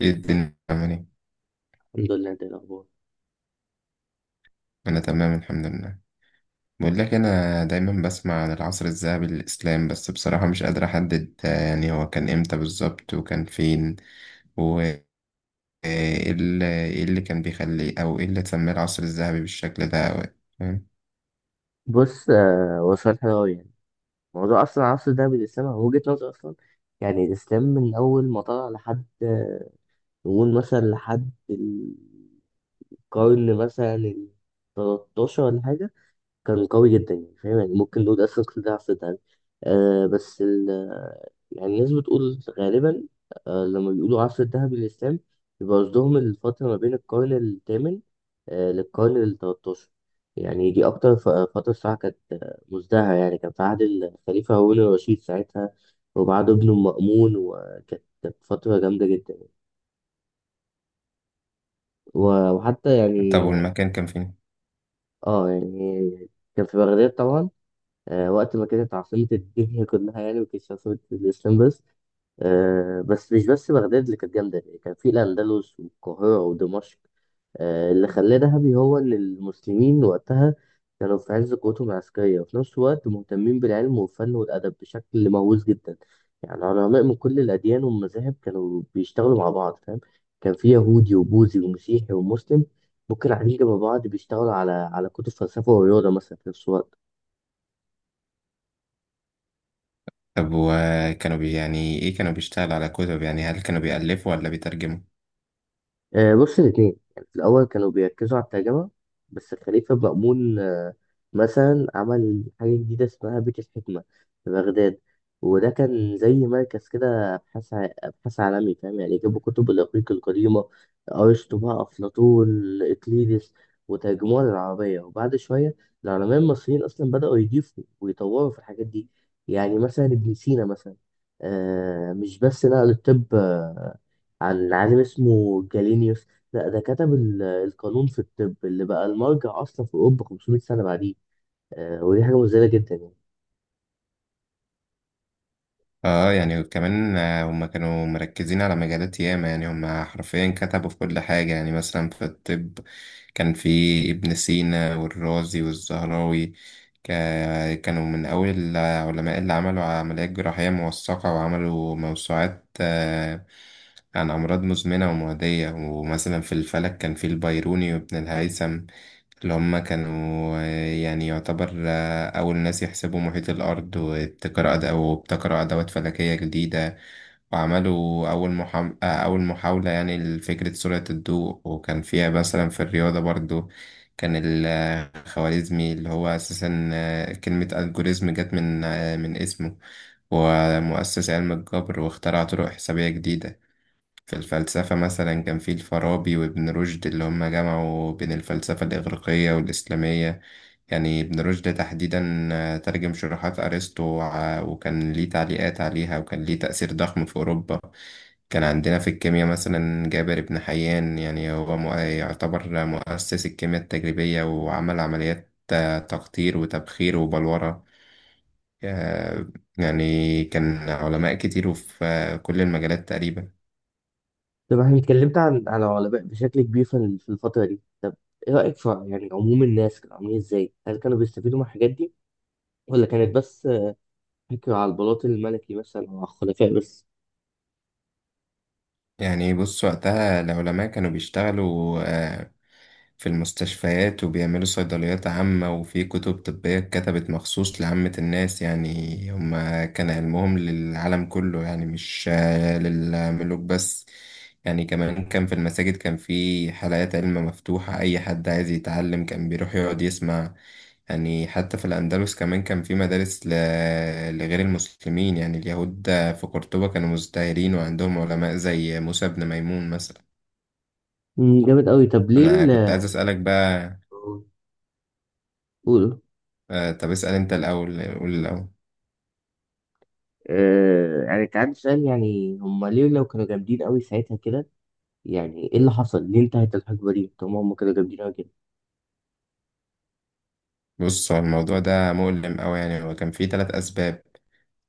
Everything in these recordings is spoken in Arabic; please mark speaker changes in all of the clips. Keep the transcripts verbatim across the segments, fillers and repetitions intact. Speaker 1: ايه الدنيا عامل ايه؟
Speaker 2: الحمد لله، انت ايه الاخبار؟
Speaker 1: انا تمام الحمد لله. بقول لك انا دايما بسمع عن العصر الذهبي للاسلام، بس بصراحة مش قادر احدد آه، يعني هو كان امتى بالظبط وكان فين وايه اللي إيه اللي كان بيخليه او ايه اللي تسميه العصر الذهبي بالشكل ده أو إيه، فاهم.
Speaker 2: بص آه، هو سؤال حلو أوي. يعني موضوع أصلا عصر الذهبي للإسلام هو وجهة نظر أصلا. يعني الإسلام من أول ما طلع لحد آه، نقول مثلا لحد القرن مثلا ال تلتاشر ولا حاجة، كان قوي جدا، يعني فاهم، يعني ممكن نقول اصلا كل ده عفت يعني. آه بس ال يعني الناس بتقول غالبا آه لما بيقولوا عصر الذهبي للإسلام يبقى قصدهم الفترة ما بين القرن الثامن آه للقرن التلتاشر. يعني دي أكتر ف- فترة الصراحة كانت آه، مزدهرة، يعني كان في عهد الخليفة هارون الرشيد ساعتها وبعد ابنه المأمون، وكانت كانت فترة جامدة جدا. و- وحتى
Speaker 1: طب
Speaker 2: يعني
Speaker 1: والمكان كان فين.
Speaker 2: اه، يعني كان في بغداد طبعا، آه، وقت ما كانت عاصمة الدنيا كلها، يعني ما كانتش عاصمة الإسلام بس. آه، بس مش بس بغداد اللي كانت جامدة، يعني كان في الأندلس والقاهرة ودمشق. آه، اللي خلاه ذهبي هو إن المسلمين وقتها كانوا في عز قوتهم العسكرية، وفي نفس الوقت مهتمين بالعلم والفن والأدب بشكل مهووس جدا. يعني علماء من كل الأديان والمذاهب كانوا بيشتغلوا مع بعض، فاهم؟ كان في يهودي وبوذي ومسيحي ومسلم ممكن قاعدين جنب بعض بيشتغلوا على على كتب فلسفة ورياضة مثلا في نفس الوقت.
Speaker 1: طب وكانوا بي يعني ايه كانوا بيشتغلوا على كتب، يعني هل كانوا بيألفوا ولا بيترجموا.
Speaker 2: آه، بص، الاثنين. يعني في الأول كانوا بيركزوا على الترجمة، بس الخليفة مأمون آه، مثلا عمل حاجة جديدة اسمها بيت الحكمة في بغداد، وده كان زي مركز كده أبحاث ع- أبحاث عالمي، فاهم؟ يعني جابوا كتب الإغريق القديمة، أرسطو بقى، أفلاطون، إقليدس، وترجموها للعربية. وبعد شوية العلماء المصريين أصلا بدأوا يضيفوا ويطوروا في الحاجات دي. يعني مثلا ابن سينا مثلا، آه، مش بس نقل الطب آه، عن عالم اسمه جالينيوس، لا ده كتب ال- القانون في الطب اللي بقى المرجع اصلا في اوروبا خمسمائة سنه بعديه. آه ودي حاجه مذهله جدا يعني.
Speaker 1: اه يعني وكمان، آه، هم كانوا مركزين على مجالات ياما، يعني هم حرفيا كتبوا في كل حاجة. يعني مثلا في الطب كان في ابن سينا والرازي والزهراوي. كا- كانوا من أول العلماء اللي عملوا عمليات جراحية موثقة وعملوا موسوعات آه، عن أمراض مزمنة ومعدية. ومثلا في الفلك كان في البيروني وابن الهيثم، اللي هم كانوا، آه، يعني يعتبر آه، أول ناس يحسبوا محيط الأرض وابتكروا أد- وابتكروا أدوات فلكية جديدة، وعملوا أول محاولة أول محاولة يعني لفكرة سرعة الضوء. وكان فيها مثلا في الرياضة برضو كان الخوارزمي، اللي هو أساسا آه، كلمة ألجوريزم جت من آه، من اسمه، ومؤسس علم الجبر واخترع طرق حسابية جديدة. في الفلسفة مثلا كان في الفارابي وابن رشد، اللي هم جمعوا بين الفلسفة الإغريقية والإسلامية. يعني ابن رشد تحديدا آه، ترجم شروحات أرسطو وع- وكان ليه تعليقات عليها، وكان ليه تأثير ضخم في أوروبا. كان عندنا في الكيمياء مثلا جابر بن حيان، يعني هو مؤ- يعتبر مؤسس الكيمياء التجريبية، وعمل عمليات آه، تقطير وتبخير وبلورة. آه، يعني كان علماء كتير وفي آه، كل المجالات تقريبا.
Speaker 2: طب احنا اتكلمت عن عن العلماء بشكل كبير في ال- في الفتره دي. طب ايه رايك في يعني عموم الناس، كانوا عاملين ازاي؟ هل كانوا بيستفيدوا من الحاجات دي ولا كانت بس آه، فكره على البلاط الملكي مثلا او على الخلفاء بس؟
Speaker 1: يعني بص وقتها العلماء كانوا بيشتغلوا آه، في المستشفيات وبيعملوا صيدليات عامة، وفي كتب طبية اتكتبت مخصوص لعامة الناس. يعني هما كان علمهم للعالم كله، يعني مش آه، للملوك بس. يعني كمان كان في المساجد، كان في حلقات علم مفتوحة، أي حد عايز يتعلم كان بيروح يقعد يسمع. يعني حتى في الأندلس كمان كان في مدارس ل... لغير المسلمين، يعني اليهود في قرطبة كانوا مزدهرين وعندهم علماء زي موسى بن ميمون مثلا.
Speaker 2: مم، جامد قوي. طب ليه
Speaker 1: أنا
Speaker 2: ال-
Speaker 1: كنت عايز أسألك بقى.
Speaker 2: قولوا.
Speaker 1: آه، طب اسأل أنت الأول، قول الأول.
Speaker 2: آه يعني كان عندي سؤال، يعني هم ليه لو كانوا جامدين قوي ساعتها كده، يعني ايه اللي حصل؟ ليه انتهت الحقبه دي؟ طب ما هم كانوا جامدين أوي كده.
Speaker 1: بص هو الموضوع ده مؤلم أوي، يعني هو كان فيه تلات أسباب.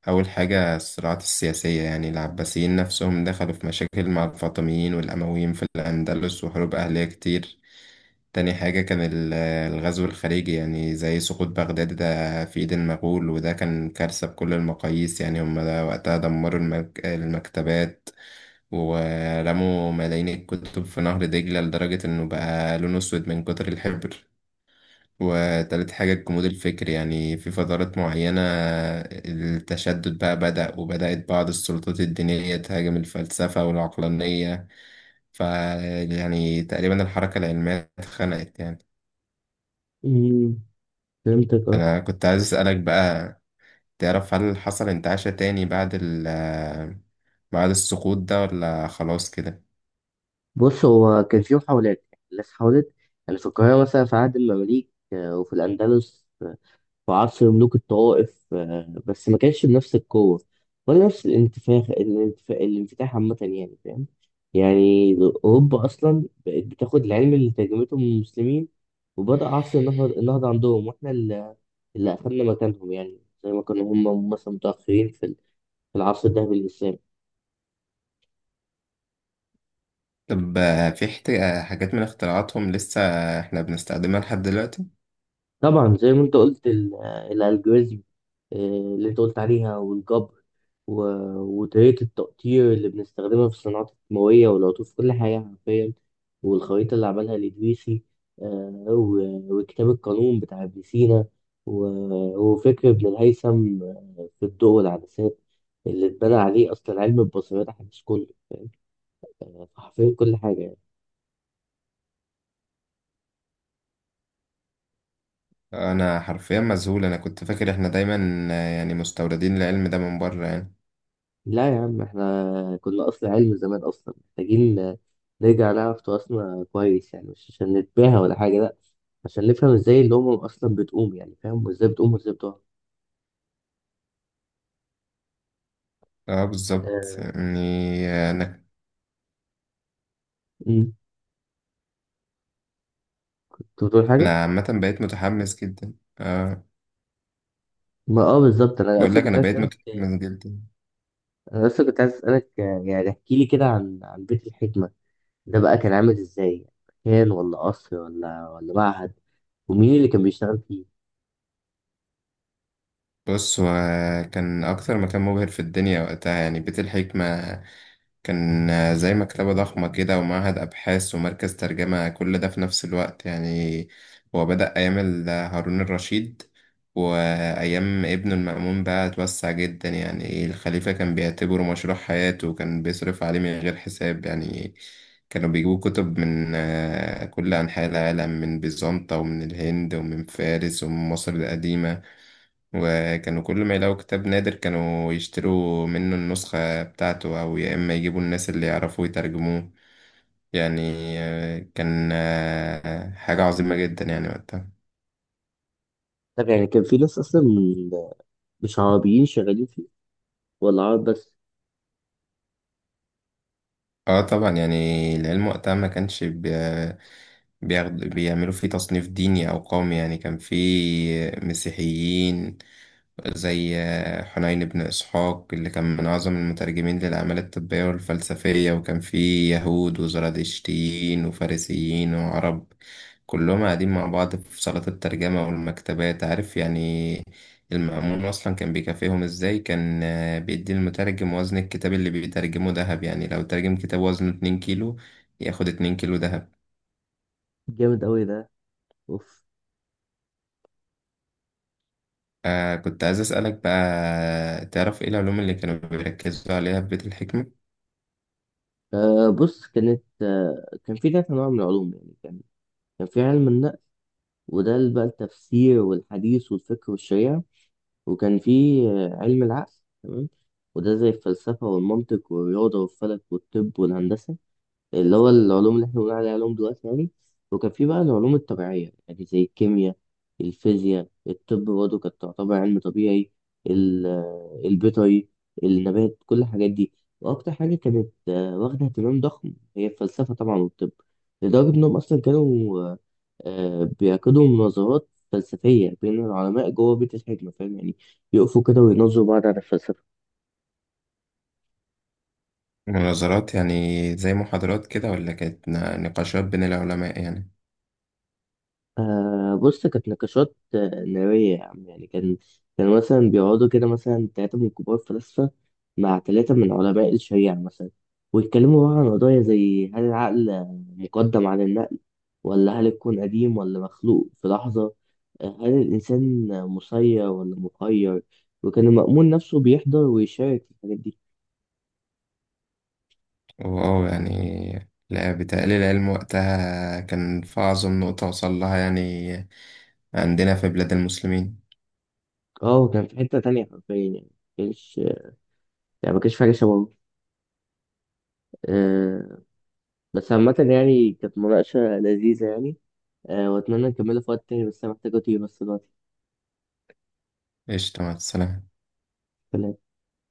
Speaker 1: أول حاجة الصراعات السياسية، يعني العباسيين نفسهم دخلوا في مشاكل مع الفاطميين والأمويين في الأندلس وحروب أهلية كتير. تاني حاجة كان ال- الغزو الخارجي، يعني زي سقوط بغداد ده في إيد المغول، وده كان كارثة بكل المقاييس. يعني هم ده وقتها دمروا المك... المكتبات، ورموا ملايين الكتب في نهر دجلة لدرجة إنه بقى لونه أسود من كتر الحبر. وتالت حاجة الجمود الفكري، يعني في فترات معينة التشدد بقى بدأ، وبدأت بعض السلطات الدينية تهاجم الفلسفة والعقلانية، ف يعني تقريبا الحركة العلمية اتخنقت يعني.
Speaker 2: امم فهمتك، اه.
Speaker 1: انا كنت عايز اسالك بقى، تعرف هل حصل انتعاشة تاني بعد ال بعد السقوط ده ولا خلاص كده.
Speaker 2: بص هو كان في محاولات، يعني الناس حاولت. يعني في القاهره مثلا في عهد المماليك آه، وفي الاندلس آه، في عصر ملوك الطوائف، آه، بس ما كانش بنفس القوه ولا نفس الانتفاخ الانتفاخ الانفتاح عامه يعني، فاهم؟ يعني اوروبا اصلا بقت بتاخد العلم اللي ترجمته من المسلمين، وبدأ عصر النهضه النهضة عندهم، واحنا اللي اللي أخدنا مكانهم. يعني زي ما كانوا هم مثلا متأخرين في في العصر الذهبي للإسلام.
Speaker 1: طب آه، في حت- آه، حاجات من اختراعاتهم لسه احنا بنستخدمها لحد دلوقتي.
Speaker 2: طبعا زي ما انت قلت ال- الالجوريزم، آه، اللي انت قلت عليها، والجبر، و- وطريقة التقطير اللي بنستخدمها في الصناعات الكيماوية والعطور في كل حاجة حرفيا، والخريطة اللي عملها الإدريسي، آه، و- وكتاب القانون بتاع ابن سينا، و- وفكر ابن الهيثم آه، في الضوء والعدسات اللي اتبنى عليه أصلا علم البصريات الحديث كله. آه، حرفيا كل حاجة.
Speaker 1: انا حرفيا مذهول، انا كنت فاكر احنا دايما آه، يعني مستوردين العلم ده من بره يعني.
Speaker 2: لا يا عم، احنا كنا اصل علم زمان. اصلا محتاجين نرجع نعرف تراثنا كويس، يعني مش عشان نتباهى ولا حاجه، لا، عشان نفهم ازاي الامم اصلا بتقوم، يعني فاهم، وازاي بتقوم وازاي بتقع.
Speaker 1: اه بالظبط
Speaker 2: آه،
Speaker 1: يعني. آه، انا
Speaker 2: أمم. كنت بتقول حاجه.
Speaker 1: انا عامه بقيت متحمس جدا. اه.
Speaker 2: ما اه بالظبط، انا
Speaker 1: بقول
Speaker 2: اصلا
Speaker 1: لك
Speaker 2: كنت
Speaker 1: انا
Speaker 2: عايز
Speaker 1: بقيت
Speaker 2: اسالك
Speaker 1: متحمس جدا.
Speaker 2: انا اصلا كنت عايز اسالك، آه، يعني احكي لي كده عن عن بيت الحكمه ده بقى، كان عامل ازاي؟ مكان ولا قصر ولا ولا معهد؟ ومين اللي كان بيشتغل فيه؟
Speaker 1: بص هو كان أكتر مكان مبهر في الدنيا وقتها، يعني بيت الحكمة كان زي مكتبة ضخمة كده ومعهد أبحاث ومركز ترجمة، كل ده في نفس الوقت. يعني هو بدأ أيام ال- هارون الرشيد، وأيام ابنه المأمون بقى اتوسع جدا. يعني الخليفة كان بيعتبره مشروع حياته، وكان بيصرف عليه من غير حساب. يعني كانوا بيجيبوا كتب من آه، كل أنحاء العالم، من بيزنطة ومن الهند ومن فارس ومن مصر القديمة. وكانوا كل ما يلاقوا كتاب نادر كانوا يشتروا منه النسخة بتاعته، أو يا إما يجيبوا الناس اللي يعرفوا يترجموه. يعني آه، كان آه، حاجة عظيمة جدا يعني وقتها.
Speaker 2: طب يعني كان في ناس اصلا من- مش عربيين شغالين فيه ولا عرب بس؟
Speaker 1: اه طبعا، يعني العلم وقتها ما كانش بي- بياخد بيعملوا فيه تصنيف ديني أو قومي. يعني كان فيه مسيحيين زي آه، حنين بن إسحاق، اللي كان من أعظم المترجمين للأعمال الطبية والفلسفية. وكان فيه يهود وزرادشتيين وفارسيين وعرب، كلهم قاعدين مع بعض في صالات الترجمة والمكتبات، عارف يعني. المأمون أصلا كان بيكافئهم إزاي، كان آه، بيدي المترجم وزن الكتاب اللي بيترجمه دهب. يعني لو ترجم كتاب وزنه اتنين كيلو ياخد اتنين كيلو دهب.
Speaker 2: جامد قوي ده، اوف.
Speaker 1: آه كنت عايز أسألك بقى، تعرف إيه العلوم اللي كانوا بيركزوا عليها في بيت الحكمة؟
Speaker 2: آه بص، كانت آه كان في ثلاث انواع من العلوم. يعني كان كان في علم النقل، وده اللي بقى التفسير والحديث والفكر والشريعة. وكان في آه علم العقل، تمام، وده زي الفلسفة والمنطق والرياضة والفلك والطب والهندسة، اللي هو العلوم اللي احنا بنقول عليها علوم دلوقتي يعني. وكان في بقى العلوم الطبيعية، يعني زي الكيمياء، الفيزياء، الطب برضه كانت تعتبر علم طبيعي، ال- آه، البيطري، النبات، كل الحاجات دي. وأكتر حاجة كانت آه، واخدة اهتمام ضخم هي الفلسفة طبعا والطب، لدرجة إنهم أصلا كانوا آه، آه، بيعقدوا مناظرات فلسفية بين العلماء جوه بيت الحكمة، فاهم؟ يعني يقفوا كده ويناظروا بعض على الفلسفة.
Speaker 1: مناظرات يعني زي محاضرات كده، ولا كانت نا- نقاشات بين العلماء يعني.
Speaker 2: آه بص، كانت نقاشات آه، نارية يا عم. يعني كان كان مثلا بيقعدوا كده مثلا تلاتة من كبار فلاسفة مع تلاتة من علماء الشريعة مثلا، ويتكلموا بقى عن قضايا زي هل العقل مقدم على النقل، ولا هل الكون قديم ولا مخلوق في لحظة، آه، هل الإنسان مسير ولا مخير. وكان المأمون نفسه بيحضر ويشارك في الحاجات دي.
Speaker 1: واه يعني لا، بتقليل العلم وقتها كان في أعظم نقطة وصل لها، يعني عندنا في بلاد المسلمين.
Speaker 2: اه كان في حتة تانية حرفيا يعني، مكانش يعني مكانش في حاجة شبهه آه. بس عامة يعني كانت مناقشة لذيذة يعني، آه، واتمنى نكملها في وقت تاني، بس انا محتاج اطير بس دلوقتي.
Speaker 1: قشطة، مع السلامة.
Speaker 2: سلام.